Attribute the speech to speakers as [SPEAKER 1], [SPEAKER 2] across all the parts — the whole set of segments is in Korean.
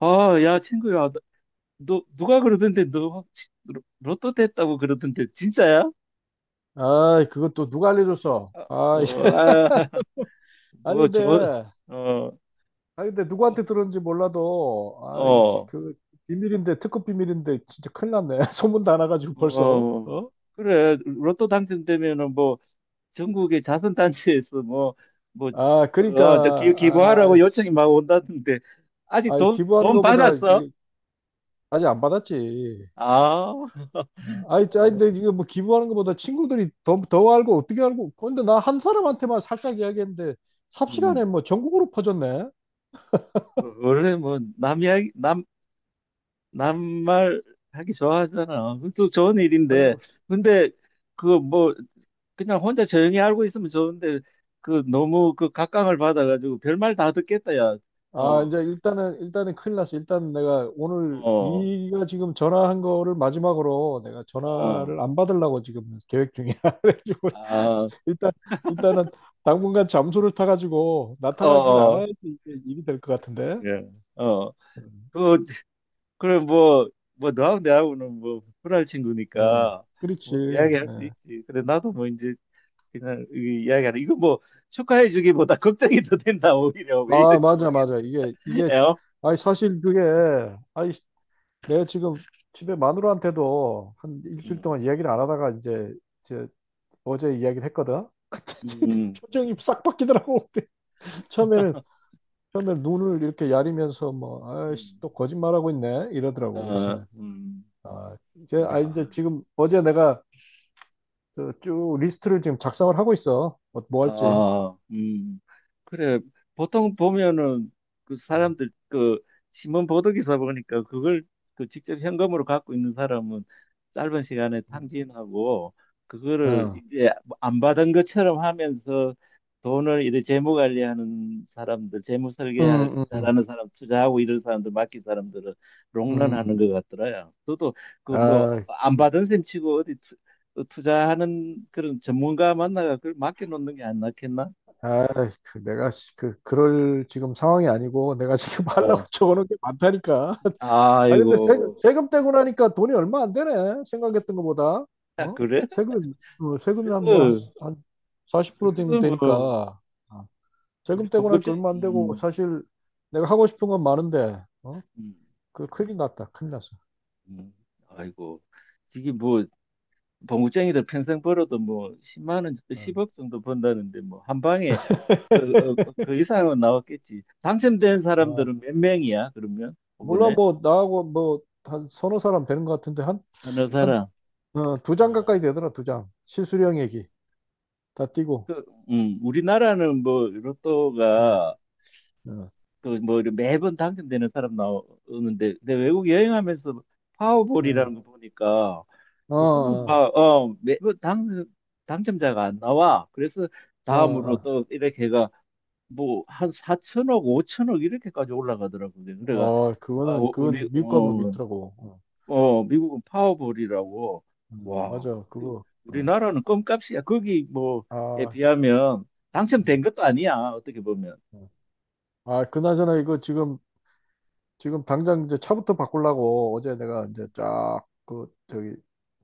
[SPEAKER 1] 아, 야, 친구야, 너, 누가 그러던데 너 혹시 로또 됐다고 그러던데 진짜야?
[SPEAKER 2] 아, 그것도 누가 알려줬어?
[SPEAKER 1] 아,
[SPEAKER 2] 아, 이
[SPEAKER 1] 어, 아,
[SPEAKER 2] 아니
[SPEAKER 1] 뭐 저,
[SPEAKER 2] 근데
[SPEAKER 1] 어,
[SPEAKER 2] 아니 근데
[SPEAKER 1] 뭐,
[SPEAKER 2] 누구한테 들었는지 몰라도, 아, 이씨,
[SPEAKER 1] 어,
[SPEAKER 2] 그 비밀인데, 특급 비밀인데, 진짜 큰일 났네. 소문 다 나가지고
[SPEAKER 1] 어,
[SPEAKER 2] 벌써.
[SPEAKER 1] 어,
[SPEAKER 2] 어?
[SPEAKER 1] 그래, 로또 당첨되면은 뭐 전국의 자선단체에서 뭐, 뭐,
[SPEAKER 2] 아, 그러니까.
[SPEAKER 1] 어, 저 기,
[SPEAKER 2] 아,
[SPEAKER 1] 기부하라고 요청이 막 온다던데 아직
[SPEAKER 2] 아
[SPEAKER 1] 돈,
[SPEAKER 2] 기부하는
[SPEAKER 1] 돈
[SPEAKER 2] 것보다
[SPEAKER 1] 받았어?
[SPEAKER 2] 이거 아직 안 받았지.
[SPEAKER 1] 아, 어,
[SPEAKER 2] 아이, 아 근데 이거 뭐 기부하는 것보다 친구들이 더 알고, 어떻게 알고? 근데 나 한 사람한테만 살짝 이야기했는데
[SPEAKER 1] 음,
[SPEAKER 2] 삽시간에 뭐 전국으로 퍼졌네.
[SPEAKER 1] 어, 원래 뭐 남 이야기, 남 남말 하기 좋아하잖아. 그것도 좋은 일인데.
[SPEAKER 2] 아유,
[SPEAKER 1] 근데 그 뭐 그냥 혼자 조용히 알고 있으면 좋은데, 그 너무 그 각광을 받아가지고 별말 다 듣겠다 야.
[SPEAKER 2] 아, 이제
[SPEAKER 1] 어,
[SPEAKER 2] 일단은 큰일 났어. 일단 내가 오늘
[SPEAKER 1] 어,
[SPEAKER 2] 네가 지금 전화한 거를 마지막으로 내가
[SPEAKER 1] 어,
[SPEAKER 2] 전화를 안 받으려고 지금 계획 중이야. 그래가지고
[SPEAKER 1] 아,
[SPEAKER 2] 일단, 일단은 당분간 잠수를 타가지고
[SPEAKER 1] 어,
[SPEAKER 2] 나타나질
[SPEAKER 1] 어,
[SPEAKER 2] 않아야지 이게 일이 될 것 같은데.
[SPEAKER 1] 예, 어.
[SPEAKER 2] 음,
[SPEAKER 1] 그 그래 뭐 너하고 내하고는 뭐 불알
[SPEAKER 2] 어,
[SPEAKER 1] 친구니까
[SPEAKER 2] 그렇지.
[SPEAKER 1] 뭐 이야기할 수
[SPEAKER 2] 예.
[SPEAKER 1] 있지. 그래 나도 뭐 이제 그냥 이 이야기하는 이거 뭐 축하해주기보다 걱정이 더 된다. 오히려 왜
[SPEAKER 2] 아,
[SPEAKER 1] 이런지
[SPEAKER 2] 맞아,
[SPEAKER 1] 모르겠네.
[SPEAKER 2] 맞아.
[SPEAKER 1] 에어?
[SPEAKER 2] 아니, 사실 그게, 아니, 내가 지금 집에 마누라한테도 한 일주일 동안 이야기를 안 하다가 이제 어제 이야기를 했거든.
[SPEAKER 1] 음,
[SPEAKER 2] 표정이 싹 바뀌더라고. 처음에는 처음에 눈을 이렇게 야리면서 뭐 아이씨
[SPEAKER 1] 음,
[SPEAKER 2] 또 거짓말하고 있네 이러더라고. 그래서
[SPEAKER 1] 어,
[SPEAKER 2] 그 아 이제
[SPEAKER 1] 야,
[SPEAKER 2] 지금 어제 내가 그쭉 리스트를 지금 작성을 하고 있어. 뭐 할지.
[SPEAKER 1] 아, 그래. 보통 보면은 그 사람들, 그 신문 보도 기사 보니까 그걸, 그 직접 현금으로 갖고 있는 사람은 짧은 시간에 탕진하고, 그거를
[SPEAKER 2] 응.
[SPEAKER 1] 이제 뭐 안 받은 것처럼 하면서 돈을 이제 재무 관리하는 사람들, 재무
[SPEAKER 2] 음,
[SPEAKER 1] 설계
[SPEAKER 2] 음, 음.
[SPEAKER 1] 잘하는 사람, 투자하고 이런 사람들, 맡긴 사람들은
[SPEAKER 2] 음.
[SPEAKER 1] 롱런하는 것 같더라요. 저도 그 뭐
[SPEAKER 2] 아,
[SPEAKER 1] 안 받은 셈 치고 어디 어, 투자하는 그런 전문가 만나가 그걸 맡겨놓는 게 안 낫겠나?
[SPEAKER 2] 아, 그 내가 씨, 그 그럴 지금 상황이 아니고, 내가 지금 하려고
[SPEAKER 1] 어.
[SPEAKER 2] 적어놓은 게 많다니까. 아 근데
[SPEAKER 1] 아이고,
[SPEAKER 2] 세금 떼고 나니까 돈이 얼마 안 되네, 생각했던 것보다.
[SPEAKER 1] 아,
[SPEAKER 2] 어,
[SPEAKER 1] 그래?
[SPEAKER 2] 세금. 어, 세금이
[SPEAKER 1] 그래도,
[SPEAKER 2] 한뭐한한40% 되면
[SPEAKER 1] 그래도 뭐,
[SPEAKER 2] 되니까. 어,
[SPEAKER 1] 우리
[SPEAKER 2] 세금 떼고 나니까
[SPEAKER 1] 봉급쟁이,
[SPEAKER 2] 얼마 안 되고, 사실 내가 하고 싶은 건 많은데.
[SPEAKER 1] 음,
[SPEAKER 2] 어그 큰일 났다, 큰일 났어.
[SPEAKER 1] 음. 아이고, 이게 뭐, 봉급쟁이들 평생 벌어도 뭐, 10만 원,
[SPEAKER 2] 어,
[SPEAKER 1] 10억 정도 번다는데, 뭐, 한 방에, 그, 어, 어, 그 이상은 나왔겠지. 당첨된
[SPEAKER 2] 어,
[SPEAKER 1] 사람들은 몇 명이야, 그러면?
[SPEAKER 2] 몰라.
[SPEAKER 1] 이번에?
[SPEAKER 2] 뭐 나하고 뭐 한 서너 사람 되는 것 같은데. 한.
[SPEAKER 1] 어느
[SPEAKER 2] 한.
[SPEAKER 1] 사람?
[SPEAKER 2] 어, 두 장
[SPEAKER 1] 어.
[SPEAKER 2] 가까이 되더라. 두 장 실수령, 얘기 다 띄고.
[SPEAKER 1] 그, 우리나라는 뭐,
[SPEAKER 2] 어,
[SPEAKER 1] 로또가,
[SPEAKER 2] 어,
[SPEAKER 1] 그뭐 매번 당첨되는 사람 나오는데, 근데 외국 여행하면서
[SPEAKER 2] 어,
[SPEAKER 1] 파워볼이라는 거 보니까, 그거는
[SPEAKER 2] 어,
[SPEAKER 1] 막어 매번 당 당첨자가 안 나와. 그래서
[SPEAKER 2] 어,
[SPEAKER 1] 다음으로
[SPEAKER 2] 어,
[SPEAKER 1] 또 이렇게 해가 뭐 한 4천억 5천억 이렇게까지 올라가더라고요. 그래가
[SPEAKER 2] 어,
[SPEAKER 1] 아,
[SPEAKER 2] 그거는
[SPEAKER 1] 우리
[SPEAKER 2] 그건 미국 가면
[SPEAKER 1] 어,
[SPEAKER 2] 있더라고. 어.
[SPEAKER 1] 어 미국은 파워볼이라고. 와,
[SPEAKER 2] 맞아, 그거. 어.
[SPEAKER 1] 우리나라는 껌값이야 거기 뭐에
[SPEAKER 2] 아,
[SPEAKER 1] 비하면.
[SPEAKER 2] 음,
[SPEAKER 1] 당첨된 것도 아니야 어떻게 보면.
[SPEAKER 2] 어. 아, 그나저나 이거 지금 지금 당장 이제 차부터 바꾸려고 어제 내가 이제 쫙 그 저기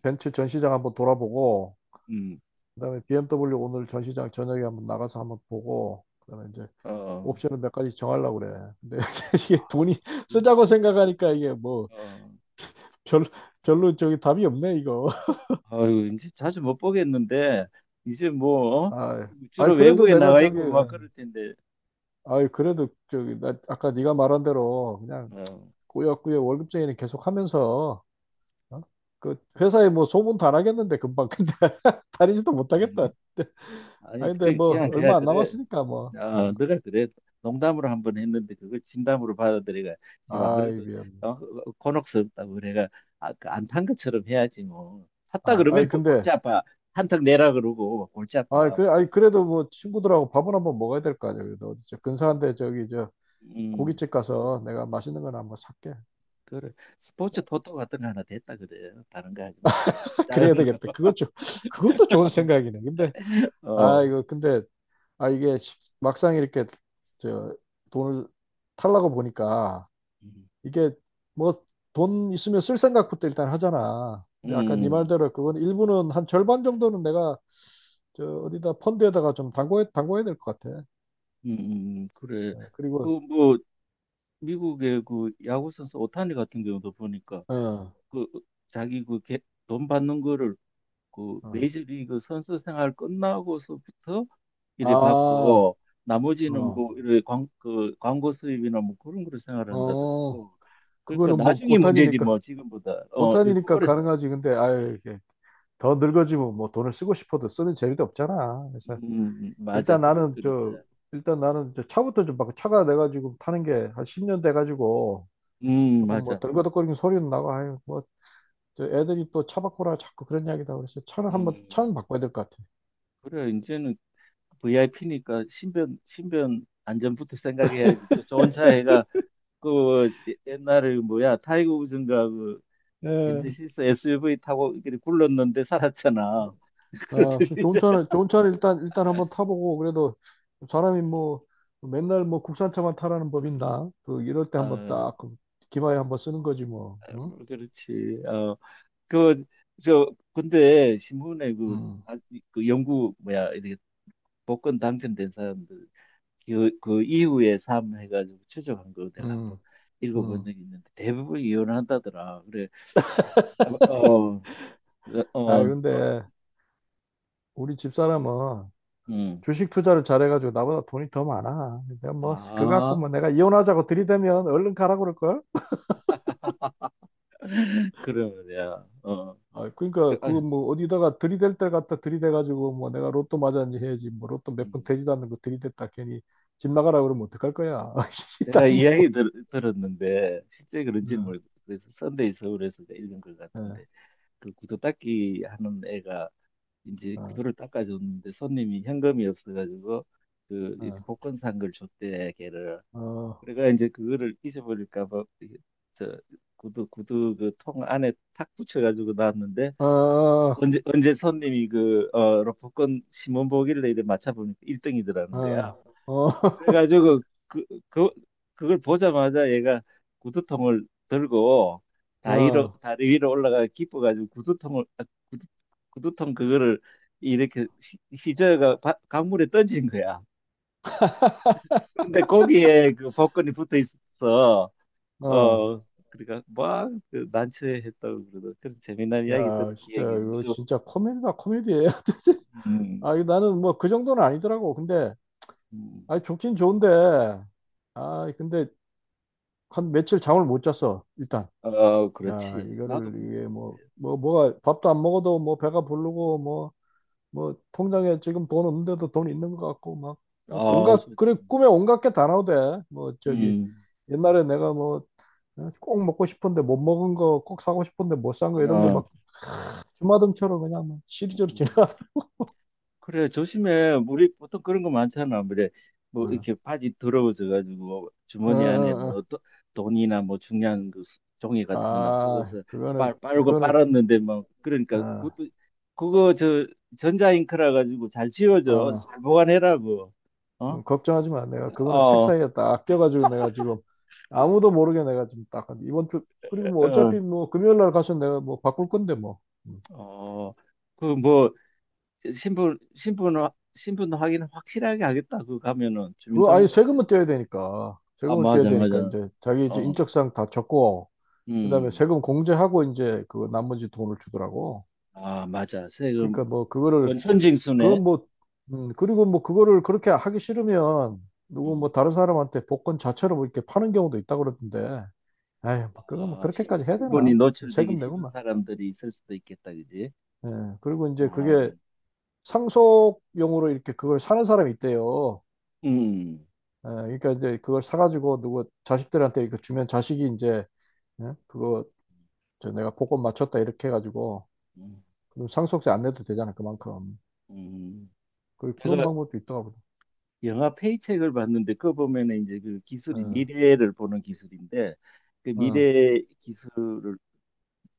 [SPEAKER 2] 벤츠 전시장 한번 돌아보고,
[SPEAKER 1] 음,
[SPEAKER 2] 그다음에 BMW 오늘 전시장 저녁에 한번 나가서 한번 보고, 그다음에 이제
[SPEAKER 1] 어.
[SPEAKER 2] 옵션을 몇 가지 정하려고 그래. 근데 이게 돈이 쓰자고 생각하니까 이게 뭐
[SPEAKER 1] 어,
[SPEAKER 2] 별, 별로 저기 답이 없네 이거.
[SPEAKER 1] 아유, 이제 자주 못 보겠는데, 이제 뭐, 어?
[SPEAKER 2] 아, 아이. 아이,
[SPEAKER 1] 주로
[SPEAKER 2] 그래도
[SPEAKER 1] 외국에
[SPEAKER 2] 내가
[SPEAKER 1] 나가
[SPEAKER 2] 저기
[SPEAKER 1] 있고 막
[SPEAKER 2] 어,
[SPEAKER 1] 그럴 텐데,
[SPEAKER 2] 아이 그래도 저기 나 아까 네가 말한 대로 그냥
[SPEAKER 1] 어,
[SPEAKER 2] 꾸역꾸역 월급쟁이는 계속 하면서. 어? 그 회사에 뭐 소문도 안 하겠는데 금방, 근데 다니지도
[SPEAKER 1] 아니,
[SPEAKER 2] 못하겠다. 근데, 아
[SPEAKER 1] 아니,
[SPEAKER 2] 근데
[SPEAKER 1] 그,
[SPEAKER 2] 뭐
[SPEAKER 1] 그냥, 그냥
[SPEAKER 2] 얼마 안
[SPEAKER 1] 그래.
[SPEAKER 2] 남았으니까 뭐.
[SPEAKER 1] 어,
[SPEAKER 2] 어.
[SPEAKER 1] 너가 그래. 농담으로 한 번 했는데, 그걸 진담으로 받아들여가, 지금 안
[SPEAKER 2] 아이
[SPEAKER 1] 그래도,
[SPEAKER 2] 미안.
[SPEAKER 1] 어, 어, 곤혹스럽다고 그래가, 아, 그 안탄 것처럼 해야지, 뭐. 탔다
[SPEAKER 2] 아 아이
[SPEAKER 1] 그러면 골치
[SPEAKER 2] 근데
[SPEAKER 1] 아파. 한턱 내라 그러고, 골치
[SPEAKER 2] 아
[SPEAKER 1] 아파.
[SPEAKER 2] 그래 아이 그래도 뭐 친구들하고 밥은 한번 먹어야 될 거 아니야. 그래도 어디 저 근사한데 저기 저
[SPEAKER 1] 음,
[SPEAKER 2] 고깃집 가서 내가 맛있는 거나 한번 살게.
[SPEAKER 1] 그래. 스포츠 토토 같은 거 하나 됐다 그래. 다른 거 하지 말고.
[SPEAKER 2] 그래야
[SPEAKER 1] 작은 거.
[SPEAKER 2] 되겠다. 그것 좀. 그것도 좋은 생각이네. 근데 아
[SPEAKER 1] 어.
[SPEAKER 2] 이거 근데 아 이게 막상 이렇게 저 돈을 탈라고 보니까
[SPEAKER 1] 음,
[SPEAKER 2] 이게 뭐 돈 있으면 쓸 생각부터 일단 하잖아. 근데 아까 네
[SPEAKER 1] 음,
[SPEAKER 2] 말대로 그건 일부는 한 절반 정도는 내가 저 어디다 펀드에다가 좀 담궈야 될 것 같아.
[SPEAKER 1] 그래.
[SPEAKER 2] 어,
[SPEAKER 1] 그,
[SPEAKER 2] 그리고
[SPEAKER 1] 뭐, 미국의 그 야구선수 오타니 같은 경우도 보니까,
[SPEAKER 2] 어,
[SPEAKER 1] 그, 자기 그 돈 받는 거를, 그
[SPEAKER 2] 어.
[SPEAKER 1] 메이저리그 선수 생활 끝나고서부터
[SPEAKER 2] 아,
[SPEAKER 1] 이래
[SPEAKER 2] 어,
[SPEAKER 1] 받고, 나머지는 뭐, 이래 광, 그 광고 수입이나 뭐 그런 거로
[SPEAKER 2] 어,
[SPEAKER 1] 생활한다더라고. 그러니까
[SPEAKER 2] 그거는 뭐
[SPEAKER 1] 나중에 문제지
[SPEAKER 2] 오탄이니까.
[SPEAKER 1] 뭐, 지금보다. 어, 요즘
[SPEAKER 2] 오탄이니까
[SPEAKER 1] 오래,
[SPEAKER 2] 가능하지. 근데 아유 이게 더 늙어지면 뭐 돈을 쓰고 싶어도 쓰는 재미도 없잖아. 그래서
[SPEAKER 1] 음, 맞아.
[SPEAKER 2] 일단
[SPEAKER 1] 그건
[SPEAKER 2] 나는
[SPEAKER 1] 그렇다.
[SPEAKER 2] 저 일단 나는 저 차부터 좀 바꿔. 차가 내가 지금 타는 게 한 10년 돼 가지고 조금 뭐
[SPEAKER 1] 맞아.
[SPEAKER 2] 덜거덕거리는 소리는 나고, 아유 뭐저 애들이 또 차 바꾸라 자꾸 그런 이야기다. 그래서 차를 한번,
[SPEAKER 1] 음,
[SPEAKER 2] 차는 바꿔야 될 것 같아.
[SPEAKER 1] 그래. 이제는 VIP니까 신변 안전부터 생각해야지. 또 좋은 차 해가, 그 옛날에 뭐야 타이거 우즈인가, 그
[SPEAKER 2] 예,
[SPEAKER 1] 제네시스 SUV 타고 이렇게 굴렀는데 살았잖아.
[SPEAKER 2] 어,
[SPEAKER 1] 그러듯이
[SPEAKER 2] 그
[SPEAKER 1] 이제
[SPEAKER 2] 좋은 차를 일단 한번 타보고. 그래도 사람이 뭐 맨날 뭐 국산차만 타라는 법인다그 이럴 때 한번
[SPEAKER 1] 아
[SPEAKER 2] 딱그 기마에 한번 쓰는 거지 뭐. 응?
[SPEAKER 1] 뭐 그렇지. 어그저 근데 신문에 그,
[SPEAKER 2] 음,
[SPEAKER 1] 아, 그 영국 뭐야 이렇게 복권 당첨된 사람들, 그, 그 이후의 삶 해가지고 최적한 거 내가 한번
[SPEAKER 2] 음,
[SPEAKER 1] 읽어본
[SPEAKER 2] 음.
[SPEAKER 1] 적이 있는데, 대부분 이혼한다더라. 그래. 어, 네,
[SPEAKER 2] 아
[SPEAKER 1] 어,
[SPEAKER 2] 근데 우리 집사람은
[SPEAKER 1] 음.
[SPEAKER 2] 주식 투자를 잘해가지고 나보다 돈이 더 많아. 근데 뭐 그거 갖고
[SPEAKER 1] 아,
[SPEAKER 2] 뭐 내가 이혼하자고 들이대면 얼른 가라 그럴걸?
[SPEAKER 1] 그러면야, 어,
[SPEAKER 2] 아,
[SPEAKER 1] 그,
[SPEAKER 2] 그러니까 그
[SPEAKER 1] 아,
[SPEAKER 2] 뭐 어디다가 들이댈 때 갖다 들이대가지고 뭐 내가 로또 맞았니 해야지. 뭐 로또 몇 번
[SPEAKER 1] 음.
[SPEAKER 2] 되지도 않는 거 들이댔다 괜히 집 나가라 그러면 어떡할 거야. 이 나이
[SPEAKER 1] 내가 이야기
[SPEAKER 2] 먹고.
[SPEAKER 1] 들었는데 실제 그런지는
[SPEAKER 2] 어,
[SPEAKER 1] 모르고 겠 그래서, 선데이 서울에서 내가 읽은 것
[SPEAKER 2] 어,
[SPEAKER 1] 같은데, 그 구두 닦기 하는 애가 이제
[SPEAKER 2] 어,
[SPEAKER 1] 구두를 닦아줬는데, 손님이 현금이 없어가지고 그 이렇게 복권 산 걸 줬대, 걔를.
[SPEAKER 2] 어,
[SPEAKER 1] 그래가 이제 그거를 잊어버릴까 봐 이게 저 구두 그 통 안에 탁 붙여가지고 놨는데,
[SPEAKER 2] 어, 어,
[SPEAKER 1] 언제 손님이 그 어, 로프콘 신문 보길래 이래 맞춰보니까 1등이더라는 거야.
[SPEAKER 2] 어,
[SPEAKER 1] 그래가지고 그, 그 그걸 보자마자 얘가 구두통을 들고
[SPEAKER 2] 어,
[SPEAKER 1] 다리로
[SPEAKER 2] 어,
[SPEAKER 1] 다리 위로 올라가 기뻐가지고 구두통을 아, 구두, 구두통 그거를 이렇게 휘저어가 강물에 던진 거야. 근데 거기에 그 복근이 붙어 있어.
[SPEAKER 2] 어.
[SPEAKER 1] 어, 그러니까 막그 난처했다고 그러더 그런 재미난 이야기 들은
[SPEAKER 2] 야 진짜
[SPEAKER 1] 기억이
[SPEAKER 2] 이거
[SPEAKER 1] 있는
[SPEAKER 2] 진짜 코미디다, 코미디예요.
[SPEAKER 1] 음.
[SPEAKER 2] 아 이거 나는 뭐 그 정도는 아니더라고. 근데
[SPEAKER 1] 음.
[SPEAKER 2] 아 좋긴 좋은데, 아 근데 한 며칠 잠을 못 잤어 일단.
[SPEAKER 1] 아,
[SPEAKER 2] 야,
[SPEAKER 1] 그렇지. 나도
[SPEAKER 2] 이거를
[SPEAKER 1] 그러니까.
[SPEAKER 2] 이게 뭐가 밥도 안 먹어도 뭐 배가 부르고, 뭐 뭐 통장에 지금 돈 없는데도 돈 있는 것 같고 막, 막
[SPEAKER 1] 아,
[SPEAKER 2] 온갖,
[SPEAKER 1] 좋지.
[SPEAKER 2] 그래, 꿈에 온갖 게 다 나오대. 뭐 저기
[SPEAKER 1] 음,
[SPEAKER 2] 옛날에 내가 뭐 어, 꼭 먹고 싶은데 못 먹은 거, 꼭 사고 싶은데 못 산 거 이런 게
[SPEAKER 1] 아,
[SPEAKER 2] 막 주마등처럼 그냥 막 시리즈로
[SPEAKER 1] 음.
[SPEAKER 2] 지나가.
[SPEAKER 1] 그래, 조심해. 우리 보통 그런 거 많잖아. 그래, 뭐,
[SPEAKER 2] 어,
[SPEAKER 1] 이렇게 바지 더러워져가지고,
[SPEAKER 2] 어,
[SPEAKER 1] 주머니 안에
[SPEAKER 2] 어.
[SPEAKER 1] 뭐,
[SPEAKER 2] 어.
[SPEAKER 1] 돈이나 뭐, 중요한 그 종이 같은 거
[SPEAKER 2] 아,
[SPEAKER 1] 놔두고서
[SPEAKER 2] 그거는,
[SPEAKER 1] 빨고
[SPEAKER 2] 그거는,
[SPEAKER 1] 빨았는데, 뭐, 그러니까,
[SPEAKER 2] 어,
[SPEAKER 1] 그것도, 그거 저, 전자잉크라 가지고 잘 지워져.
[SPEAKER 2] 어.
[SPEAKER 1] 잘 보관해라고. 어?
[SPEAKER 2] 걱정하지 마. 내가 그거는 책
[SPEAKER 1] 어,
[SPEAKER 2] 사이에 딱 껴가지고 내가 지금 아무도 모르게 내가 지금 딱 한 이번 주. 그리고 뭐
[SPEAKER 1] 어,
[SPEAKER 2] 어차피 뭐 금요일 날 가서 내가 뭐 바꿀 건데 뭐. 음.
[SPEAKER 1] 어. 그뭐 신분 확인 확실하게 하겠다. 그 가면은
[SPEAKER 2] 그거 아니
[SPEAKER 1] 주민등록증.
[SPEAKER 2] 세금은 떼야 되니까,
[SPEAKER 1] 아 맞아, 맞아.
[SPEAKER 2] 이제 자기 이제
[SPEAKER 1] 어,
[SPEAKER 2] 인적사항 다 적고 그다음에
[SPEAKER 1] 음,
[SPEAKER 2] 세금 공제하고 이제 그 나머지 돈을 주더라고.
[SPEAKER 1] 아 맞아. 세금
[SPEAKER 2] 그러니까 뭐 그거를
[SPEAKER 1] 원천 징수네.
[SPEAKER 2] 그건 뭐. 그리고 뭐 그거를 그렇게 하기 싫으면 누구
[SPEAKER 1] 음,
[SPEAKER 2] 뭐 다른 사람한테 복권 자체로 뭐 이렇게 파는 경우도 있다고 그러던데. 에이, 뭐 그거 뭐
[SPEAKER 1] 아 신,
[SPEAKER 2] 그렇게까지 해야
[SPEAKER 1] 신분이
[SPEAKER 2] 되나?
[SPEAKER 1] 노출되기
[SPEAKER 2] 세금 내고
[SPEAKER 1] 싫은
[SPEAKER 2] 만.
[SPEAKER 1] 사람들이 있을 수도 있겠다, 그지?
[SPEAKER 2] 예, 그리고 이제
[SPEAKER 1] 아,
[SPEAKER 2] 그게 상속용으로 이렇게 그걸 사는 사람이 있대요.
[SPEAKER 1] 음,
[SPEAKER 2] 예, 그러니까 이제 그걸 사가지고 누구 자식들한테 이렇게 주면 자식이 이제 예, 그거 저 내가 복권 맞췄다 이렇게 해가지고
[SPEAKER 1] 음,
[SPEAKER 2] 그럼 상속세 안 내도 되잖아 그만큼.
[SPEAKER 1] 음.
[SPEAKER 2] 그런
[SPEAKER 1] 제가
[SPEAKER 2] 방법도 있더라고요.
[SPEAKER 1] 영화 페이첵을 봤는데, 그거 보면은 이제 그
[SPEAKER 2] 예,
[SPEAKER 1] 기술이 미래를 보는 기술인데, 그
[SPEAKER 2] 어,
[SPEAKER 1] 미래 기술을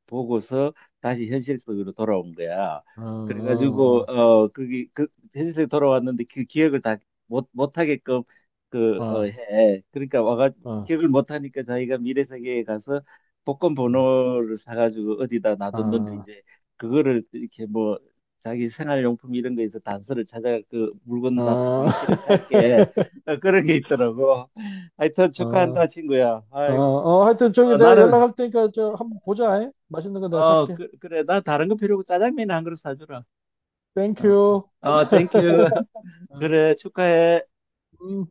[SPEAKER 1] 보고서 다시 현실 속으로 돌아온 거야.
[SPEAKER 2] 어,
[SPEAKER 1] 그래가지고
[SPEAKER 2] 어,
[SPEAKER 1] 어 거기 그 현실 속에 돌아왔는데, 그 기억을 다 못 못하게끔 그 어
[SPEAKER 2] 어,
[SPEAKER 1] 해. 그러니까 와가
[SPEAKER 2] 어, 어,
[SPEAKER 1] 기억을 못하니까, 자기가 미래 세계에 가서 복권
[SPEAKER 2] 예,
[SPEAKER 1] 번호를 사가지고 어디다 놔뒀는데,
[SPEAKER 2] 어,
[SPEAKER 1] 이제 그거를 이렇게 뭐 자기 생활용품 이런 거에서 단서를 찾아 그 물건 놔둔
[SPEAKER 2] 어,
[SPEAKER 1] 위치를 찾게, 어, 그런 게 있더라고. 하여튼
[SPEAKER 2] 어,
[SPEAKER 1] 축하한다 친구야.
[SPEAKER 2] 어,
[SPEAKER 1] 아이고 뭐,
[SPEAKER 2] 어, 하여튼 저기
[SPEAKER 1] 어,
[SPEAKER 2] 내가
[SPEAKER 1] 나는
[SPEAKER 2] 연락할 테니까 저 한번 보자. 예? 맛있는 거 내가
[SPEAKER 1] 어,
[SPEAKER 2] 살게.
[SPEAKER 1] 그래. 나 다른 거 필요 없고 짜장면 한 그릇 사주라.
[SPEAKER 2] 땡큐.
[SPEAKER 1] 어, 어, 땡큐.
[SPEAKER 2] 어,
[SPEAKER 1] 그래, 축하해.
[SPEAKER 2] 음.